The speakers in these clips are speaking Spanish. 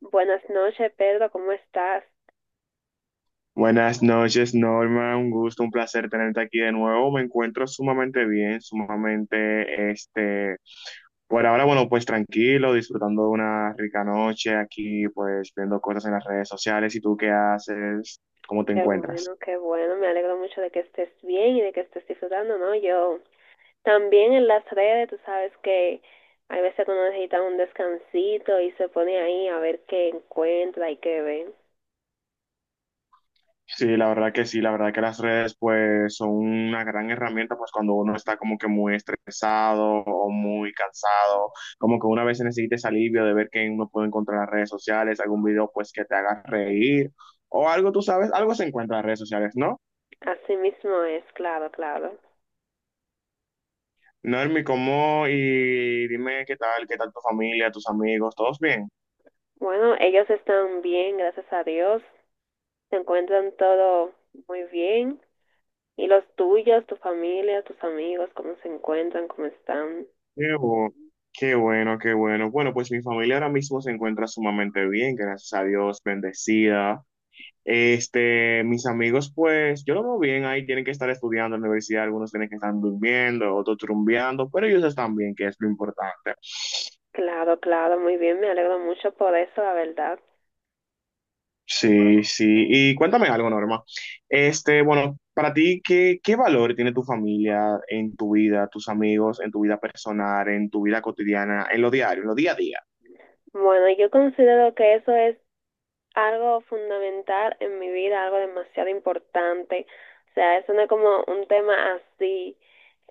Buenas noches, Pedro, ¿cómo estás? Buenas noches, Norma. Un gusto, un placer tenerte aquí de nuevo. Me encuentro sumamente bien, por ahora, bueno, pues tranquilo, disfrutando de una rica noche aquí, pues viendo cosas en las redes sociales. ¿Y tú qué haces? ¿Cómo te encuentras? Qué bueno, me alegro mucho de que estés bien y de que estés disfrutando, ¿no? Yo también en las redes, tú sabes que hay veces que uno necesita un descansito y se pone ahí a ver qué encuentra y qué ve. Sí, la verdad que sí, la verdad que las redes pues son una gran herramienta pues cuando uno está como que muy estresado o muy cansado, como que una vez necesita ese alivio de ver que uno puede encontrar en las redes sociales, algún video pues que te haga reír o algo, tú sabes, algo se encuentra en las redes sociales, ¿no? Así mismo es, claro, claro. Normi, ¿cómo? Y dime qué tal tu familia, tus amigos, ¿todos bien? Bueno, ellos están bien, gracias a Dios, se encuentran todo muy bien. ¿Y los tuyos, tu familia, tus amigos, cómo se encuentran, cómo están? Qué bu- Qué bueno, qué bueno. Bueno, pues mi familia ahora mismo se encuentra sumamente bien, gracias a Dios, bendecida. Mis amigos, pues, yo lo veo bien ahí, tienen que estar estudiando en la universidad, algunos tienen que estar durmiendo, otros trumbeando, pero ellos están bien, que es lo importante. Claro, claro, muy bien, me alegro mucho por eso, la verdad. Sí, sí. Y cuéntame algo, Norma. Bueno, para ti, ¿qué, qué valor tiene tu familia en tu vida, tus amigos, en tu vida personal, en tu vida cotidiana, en lo diario, en lo día a día? Bueno, yo considero que eso es algo fundamental en mi vida, algo demasiado importante. O sea, eso no es como un tema así.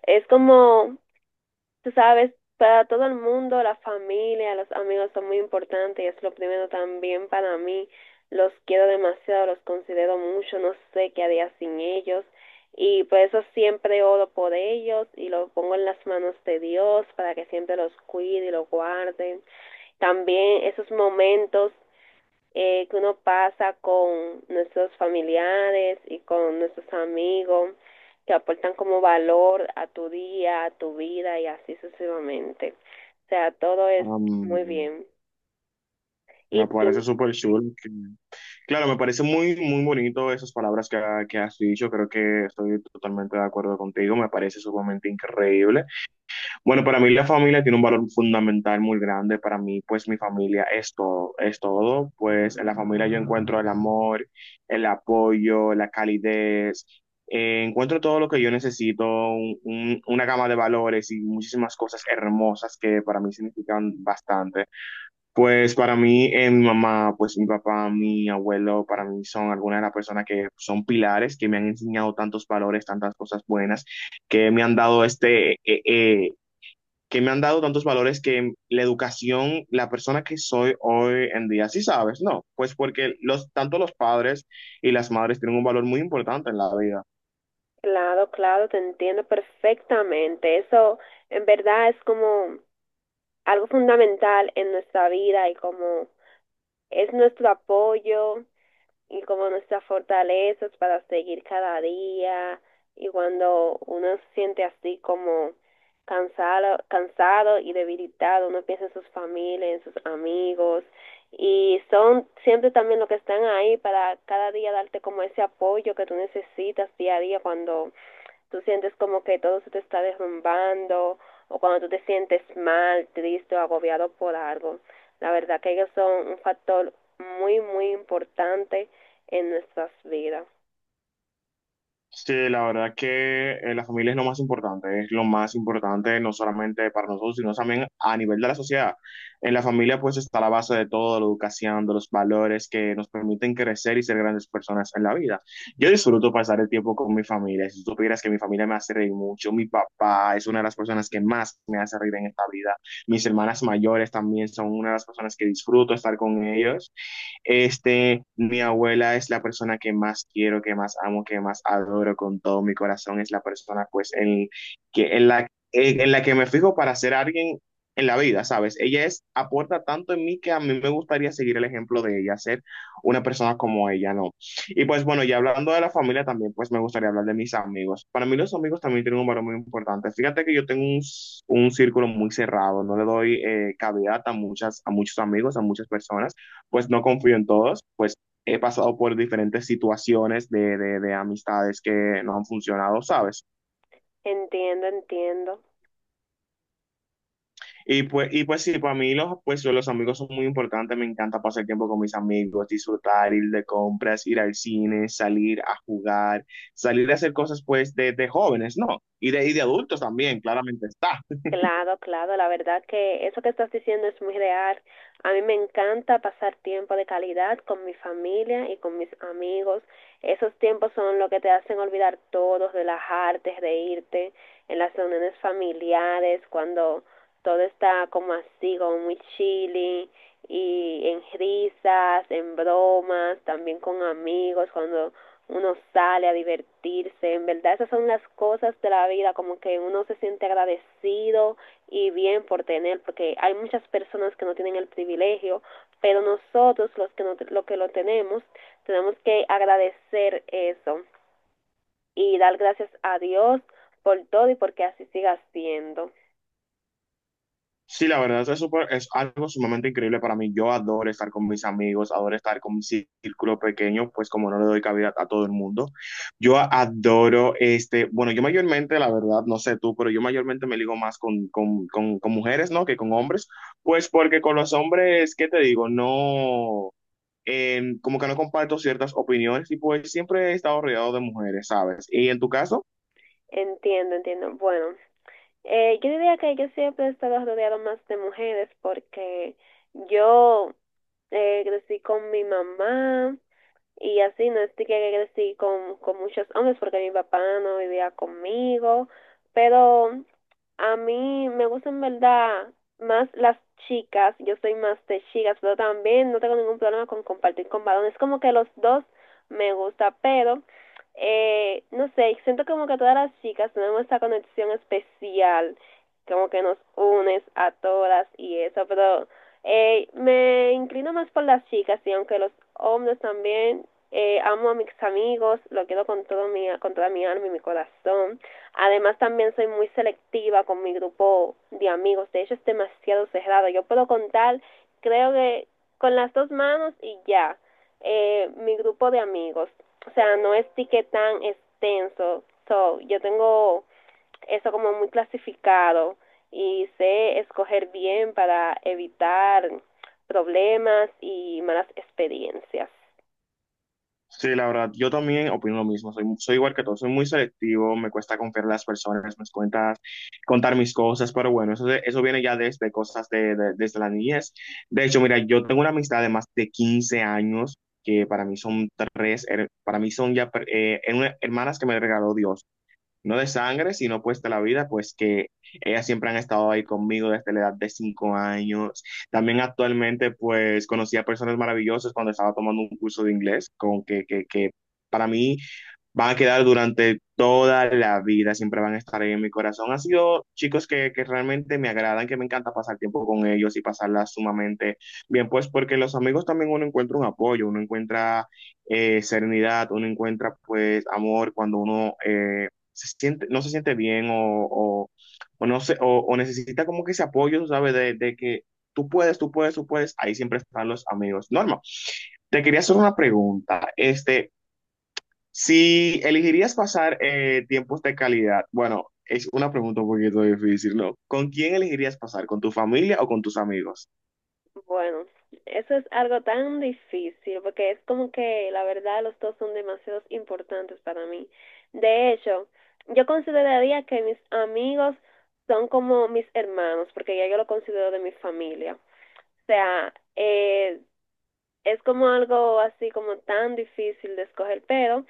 Es como, tú sabes, para todo el mundo, la familia, los amigos son muy importantes y es lo primero también para mí. Los quiero demasiado, los considero mucho, no sé qué haría sin ellos. Y por eso siempre oro por ellos y los pongo en las manos de Dios para que siempre los cuide y los guarde. También esos momentos que uno pasa con nuestros familiares y con nuestros amigos que aportan como valor a tu día, a tu vida y así sucesivamente. O sea, todo es muy bien. Me Y parece tú, súper chulo. Claro, me parece muy, muy bonito esas palabras que has dicho. Creo que estoy totalmente de acuerdo contigo. Me parece sumamente increíble. Bueno, para mí la familia tiene un valor fundamental muy grande. Para mí, pues mi familia es todo, es todo. Pues en la familia yo encuentro el amor, el apoyo, la calidez. Encuentro todo lo que yo necesito, una gama de valores y muchísimas cosas hermosas que para mí significan bastante. Pues para mí, mi mamá, pues mi papá, mi abuelo, para mí son algunas de las personas que son pilares, que me han enseñado tantos valores, tantas cosas buenas, que me han dado que me han dado tantos valores que la educación, la persona que soy hoy en día, sí sabes, ¿no? Pues porque los, tanto los padres y las madres tienen un valor muy importante en la vida. claro, claro, te entiendo perfectamente. Eso en verdad es como algo fundamental en nuestra vida y como es nuestro apoyo y como nuestras fortalezas para seguir cada día y cuando uno se siente así como cansado, cansado y debilitado, uno piensa en sus familias, en sus amigos y son siempre también los que están ahí para cada día darte como ese apoyo que tú necesitas día a día cuando tú sientes como que todo se te está derrumbando o cuando tú te sientes mal, triste o agobiado por algo. La verdad que ellos son un factor muy, muy importante en nuestras vidas. Sí, la verdad que la familia es lo más importante, es lo más importante no solamente para nosotros, sino también a nivel de la sociedad. En la familia pues está la base de todo, la educación, de los valores que nos permiten crecer y ser grandes personas en la vida. Yo disfruto pasar el tiempo con mi familia, si supieras que mi familia me hace reír mucho, mi papá es una de las personas que más me hace reír en esta vida, mis hermanas mayores también son una de las personas que disfruto estar con ellos. Mi abuela es la persona que más quiero, que más amo, que más adoro con todo mi corazón. Es la persona, pues, en, que, en la que me fijo para ser alguien en la vida, ¿sabes? Ella es, aporta tanto en mí que a mí me gustaría seguir el ejemplo de ella, ser una persona como ella, ¿no? Y pues bueno, ya hablando de la familia también, pues me gustaría hablar de mis amigos. Para mí los amigos también tienen un valor muy importante. Fíjate que yo tengo un círculo muy cerrado, no le doy cabida a muchos amigos, a muchas personas pues no confío en todos, pues he pasado por diferentes situaciones de amistades que no han funcionado, ¿sabes? Entiendo, entiendo. Y pues sí, para mí los, pues, los amigos son muy importantes, me encanta pasar tiempo con mis amigos, disfrutar, ir de compras, ir al cine, salir a jugar, salir a hacer cosas pues de jóvenes, ¿no? Y de Claro. adultos también, claramente está. Claro, claro, la verdad que eso que estás diciendo es muy real. A mí me encanta pasar tiempo de calidad con mi familia y con mis amigos. Esos tiempos son lo que te hacen olvidar todo, relajarte, reírte en las reuniones familiares, cuando todo está como así, como muy chilly, y en risas, en bromas, también con amigos, cuando uno sale a divertirse, en verdad esas son las cosas de la vida, como que uno se siente agradecido y bien por tener, porque hay muchas personas que no tienen el privilegio, pero nosotros los que, no, lo que lo tenemos, tenemos que agradecer eso y dar gracias a Dios por todo y porque así siga siendo. Sí, la verdad es, es algo sumamente increíble para mí. Yo adoro estar con mis amigos, adoro estar con mi círculo pequeño, pues como no le doy cabida a todo el mundo. Yo adoro, este, bueno, yo mayormente, la verdad, no sé tú, pero yo mayormente me ligo más con mujeres, ¿no? Que con hombres, pues porque con los hombres, ¿qué te digo? No, como que no comparto ciertas opiniones y pues siempre he estado rodeado de mujeres, ¿sabes? ¿Y en tu caso? Entiendo, entiendo. Bueno, yo diría que yo siempre he estado rodeado más de mujeres porque yo crecí con mi mamá, y así no estoy que crecí con muchos hombres porque mi papá no vivía conmigo, pero a mí me gustan en verdad más las chicas, yo soy más de chicas, pero también no tengo ningún problema con compartir con varones, como que los dos me gusta, pero no sé, siento como que todas las chicas tenemos esta conexión especial, como que nos unes a todas y eso, pero me inclino más por las chicas y aunque los hombres también amo a mis amigos, lo quiero con, todo mi, con toda mi alma y mi corazón. Además también soy muy selectiva con mi grupo de amigos, de hecho es demasiado cerrado. Yo puedo contar, creo que con las dos manos y ya, mi grupo de amigos. O sea, no es que tan extenso. So, yo tengo eso como muy clasificado y sé escoger bien para evitar problemas y malas experiencias. Sí, la verdad, yo también opino lo mismo, soy igual que todos, soy muy selectivo, me cuesta confiar en las personas, me cuesta contar mis cosas, pero bueno, eso viene ya desde cosas desde la niñez. De hecho, mira, yo tengo una amistad de más de 15 años, que para mí son hermanas que me regaló Dios no de sangre, sino pues de la vida, pues que ellas siempre han estado ahí conmigo desde la edad de 5 años. También actualmente pues conocí a personas maravillosas cuando estaba tomando un curso de inglés, con que para mí van a quedar durante toda la vida, siempre van a estar ahí en mi corazón. Han sido chicos que realmente me agradan, que me encanta pasar tiempo con ellos y pasarla sumamente bien, pues porque los amigos también uno encuentra un apoyo, uno encuentra serenidad, uno encuentra pues amor cuando uno se siente, no se siente bien o no sé, o necesita como que ese apoyo, ¿sabes? De que tú puedes, ahí siempre están los amigos. Norma, te quería hacer una pregunta. Si elegirías pasar tiempos de calidad, bueno, es una pregunta un poquito difícil, ¿no? ¿Con quién elegirías pasar? ¿Con tu familia o con tus amigos? Bueno, eso es algo tan difícil porque es como que la verdad los dos son demasiado importantes para mí. De hecho, yo consideraría que mis amigos son como mis hermanos porque ya yo lo considero de mi familia. O sea, es como algo así como tan difícil de escoger, pero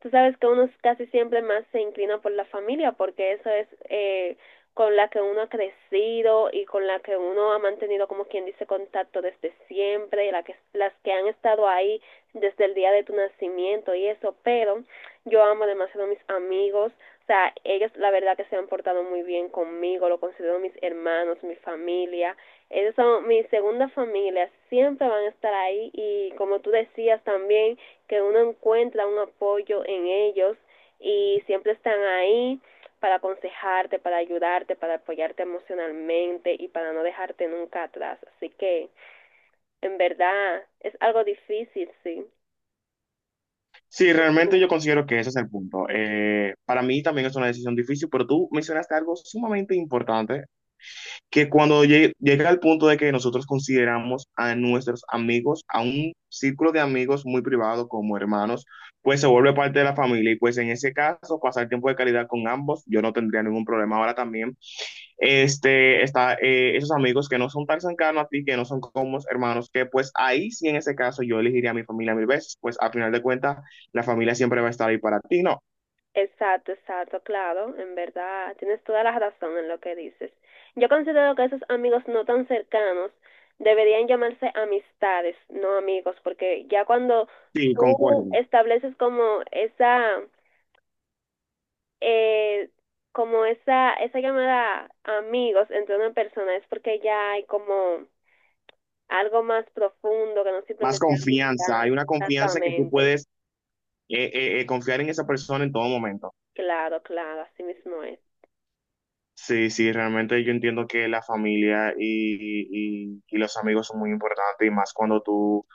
tú sabes que uno casi siempre más se inclina por la familia porque eso es con la que uno ha crecido y con la que uno ha mantenido como quien dice contacto desde siempre y la que, las que han estado ahí desde el día de tu nacimiento y eso, pero yo amo demasiado a mis amigos, o sea, ellos la verdad que se han portado muy bien conmigo, lo considero mis hermanos, mi familia, ellos son mi segunda familia, siempre van a estar ahí y como tú decías también, que uno encuentra un apoyo en ellos y siempre están ahí para aconsejarte, para ayudarte, para apoyarte emocionalmente y para no dejarte nunca atrás. Así que en verdad es algo difícil, sí. Sí, realmente yo considero que ese es el punto. Para mí también es una decisión difícil, pero tú mencionaste algo sumamente importante que cuando llega al punto de que nosotros consideramos a nuestros amigos, a un círculo de amigos muy privado como hermanos, pues se vuelve parte de la familia y pues en ese caso pasar tiempo de calidad con ambos, yo no tendría ningún problema ahora también. Este, está Esos amigos que no son tan cercanos a ti, que no son como hermanos, que pues ahí sí en ese caso yo elegiría a mi familia mil veces, pues al final de cuentas la familia siempre va a estar ahí para ti, ¿no? Exacto, exacto, claro, en verdad, tienes toda la razón en lo que dices. Yo considero que esos amigos no tan cercanos deberían llamarse amistades, no amigos, porque ya cuando Sí, tú concuerdo. estableces como esa eh, como esa llamada amigos entre una persona es porque ya hay como algo más profundo que no Más simplemente amistad. confianza, hay una confianza que tú Exactamente, puedes confiar en esa persona en todo momento. claro, claro, así mismo es. Sí, sí, realmente yo entiendo que la familia y los amigos son muy importantes y más cuando tú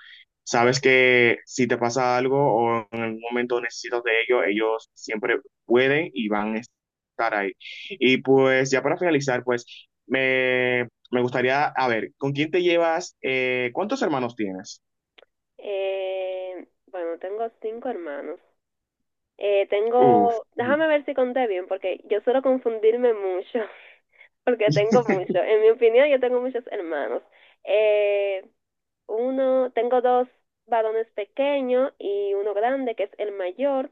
sabes que si te pasa algo o en algún momento necesitas de ellos, ellos siempre pueden y van a estar ahí. Y pues ya para finalizar, pues me, me gustaría, a ver, ¿con quién te llevas? ¿Cuántos hermanos tienes? Bueno, tengo cinco hermanos. Uf. Tengo, déjame ver si conté bien, porque yo suelo confundirme mucho, porque tengo muchos. En mi opinión, yo tengo muchos hermanos. Eh, tengo dos varones pequeños y uno grande, que es el mayor.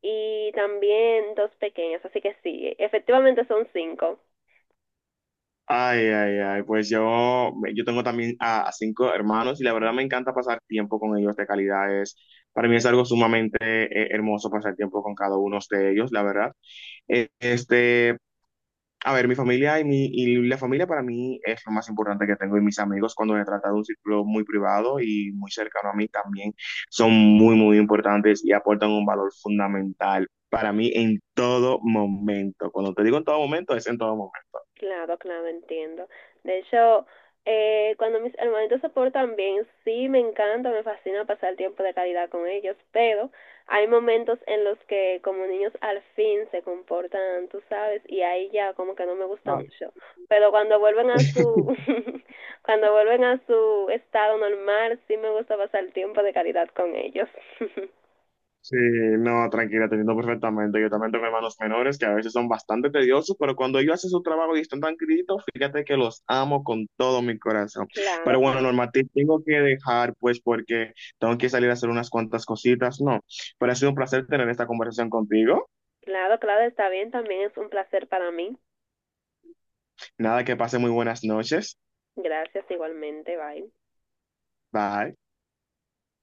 Y también dos pequeños, así que sí, efectivamente son cinco. Ay, ay, ay, pues yo tengo también a cinco hermanos y la verdad me encanta pasar tiempo con ellos de calidad. Para mí es algo sumamente hermoso pasar tiempo con cada uno de ellos, la verdad. Eh, este, a ver, mi familia y, mi, y la familia para mí es lo más importante que tengo y mis amigos cuando se trata de un círculo muy privado y muy cercano a mí también son muy, muy importantes y aportan un valor fundamental para mí en todo momento. Cuando te digo en todo momento, es en todo momento. Claro, claro, entiendo. De hecho, cuando mis hermanitos se portan bien, sí me encanta, me fascina pasar tiempo de calidad con ellos, pero hay momentos en los que como niños al fin se comportan, tú sabes, y ahí ya como que no me gusta mucho. Pero cuando vuelven a su, cuando vuelven a su estado normal, sí me gusta pasar tiempo de calidad con ellos. Sí, no, tranquila, te entiendo perfectamente. Yo también tengo hermanos menores que a veces son bastante tediosos, pero cuando ellos hacen su trabajo y están tan tranquilitos, fíjate que los amo con todo mi corazón. Claro, Pero bueno, claro. Norma, te tengo que dejar, pues, porque tengo que salir a hacer unas cuantas cositas, ¿no? Pero ha sido un placer tener esta conversación contigo. Claro, claro, está bien. También es un placer para mí. Nada, que pase muy buenas noches. Gracias igualmente. Bye. Bye.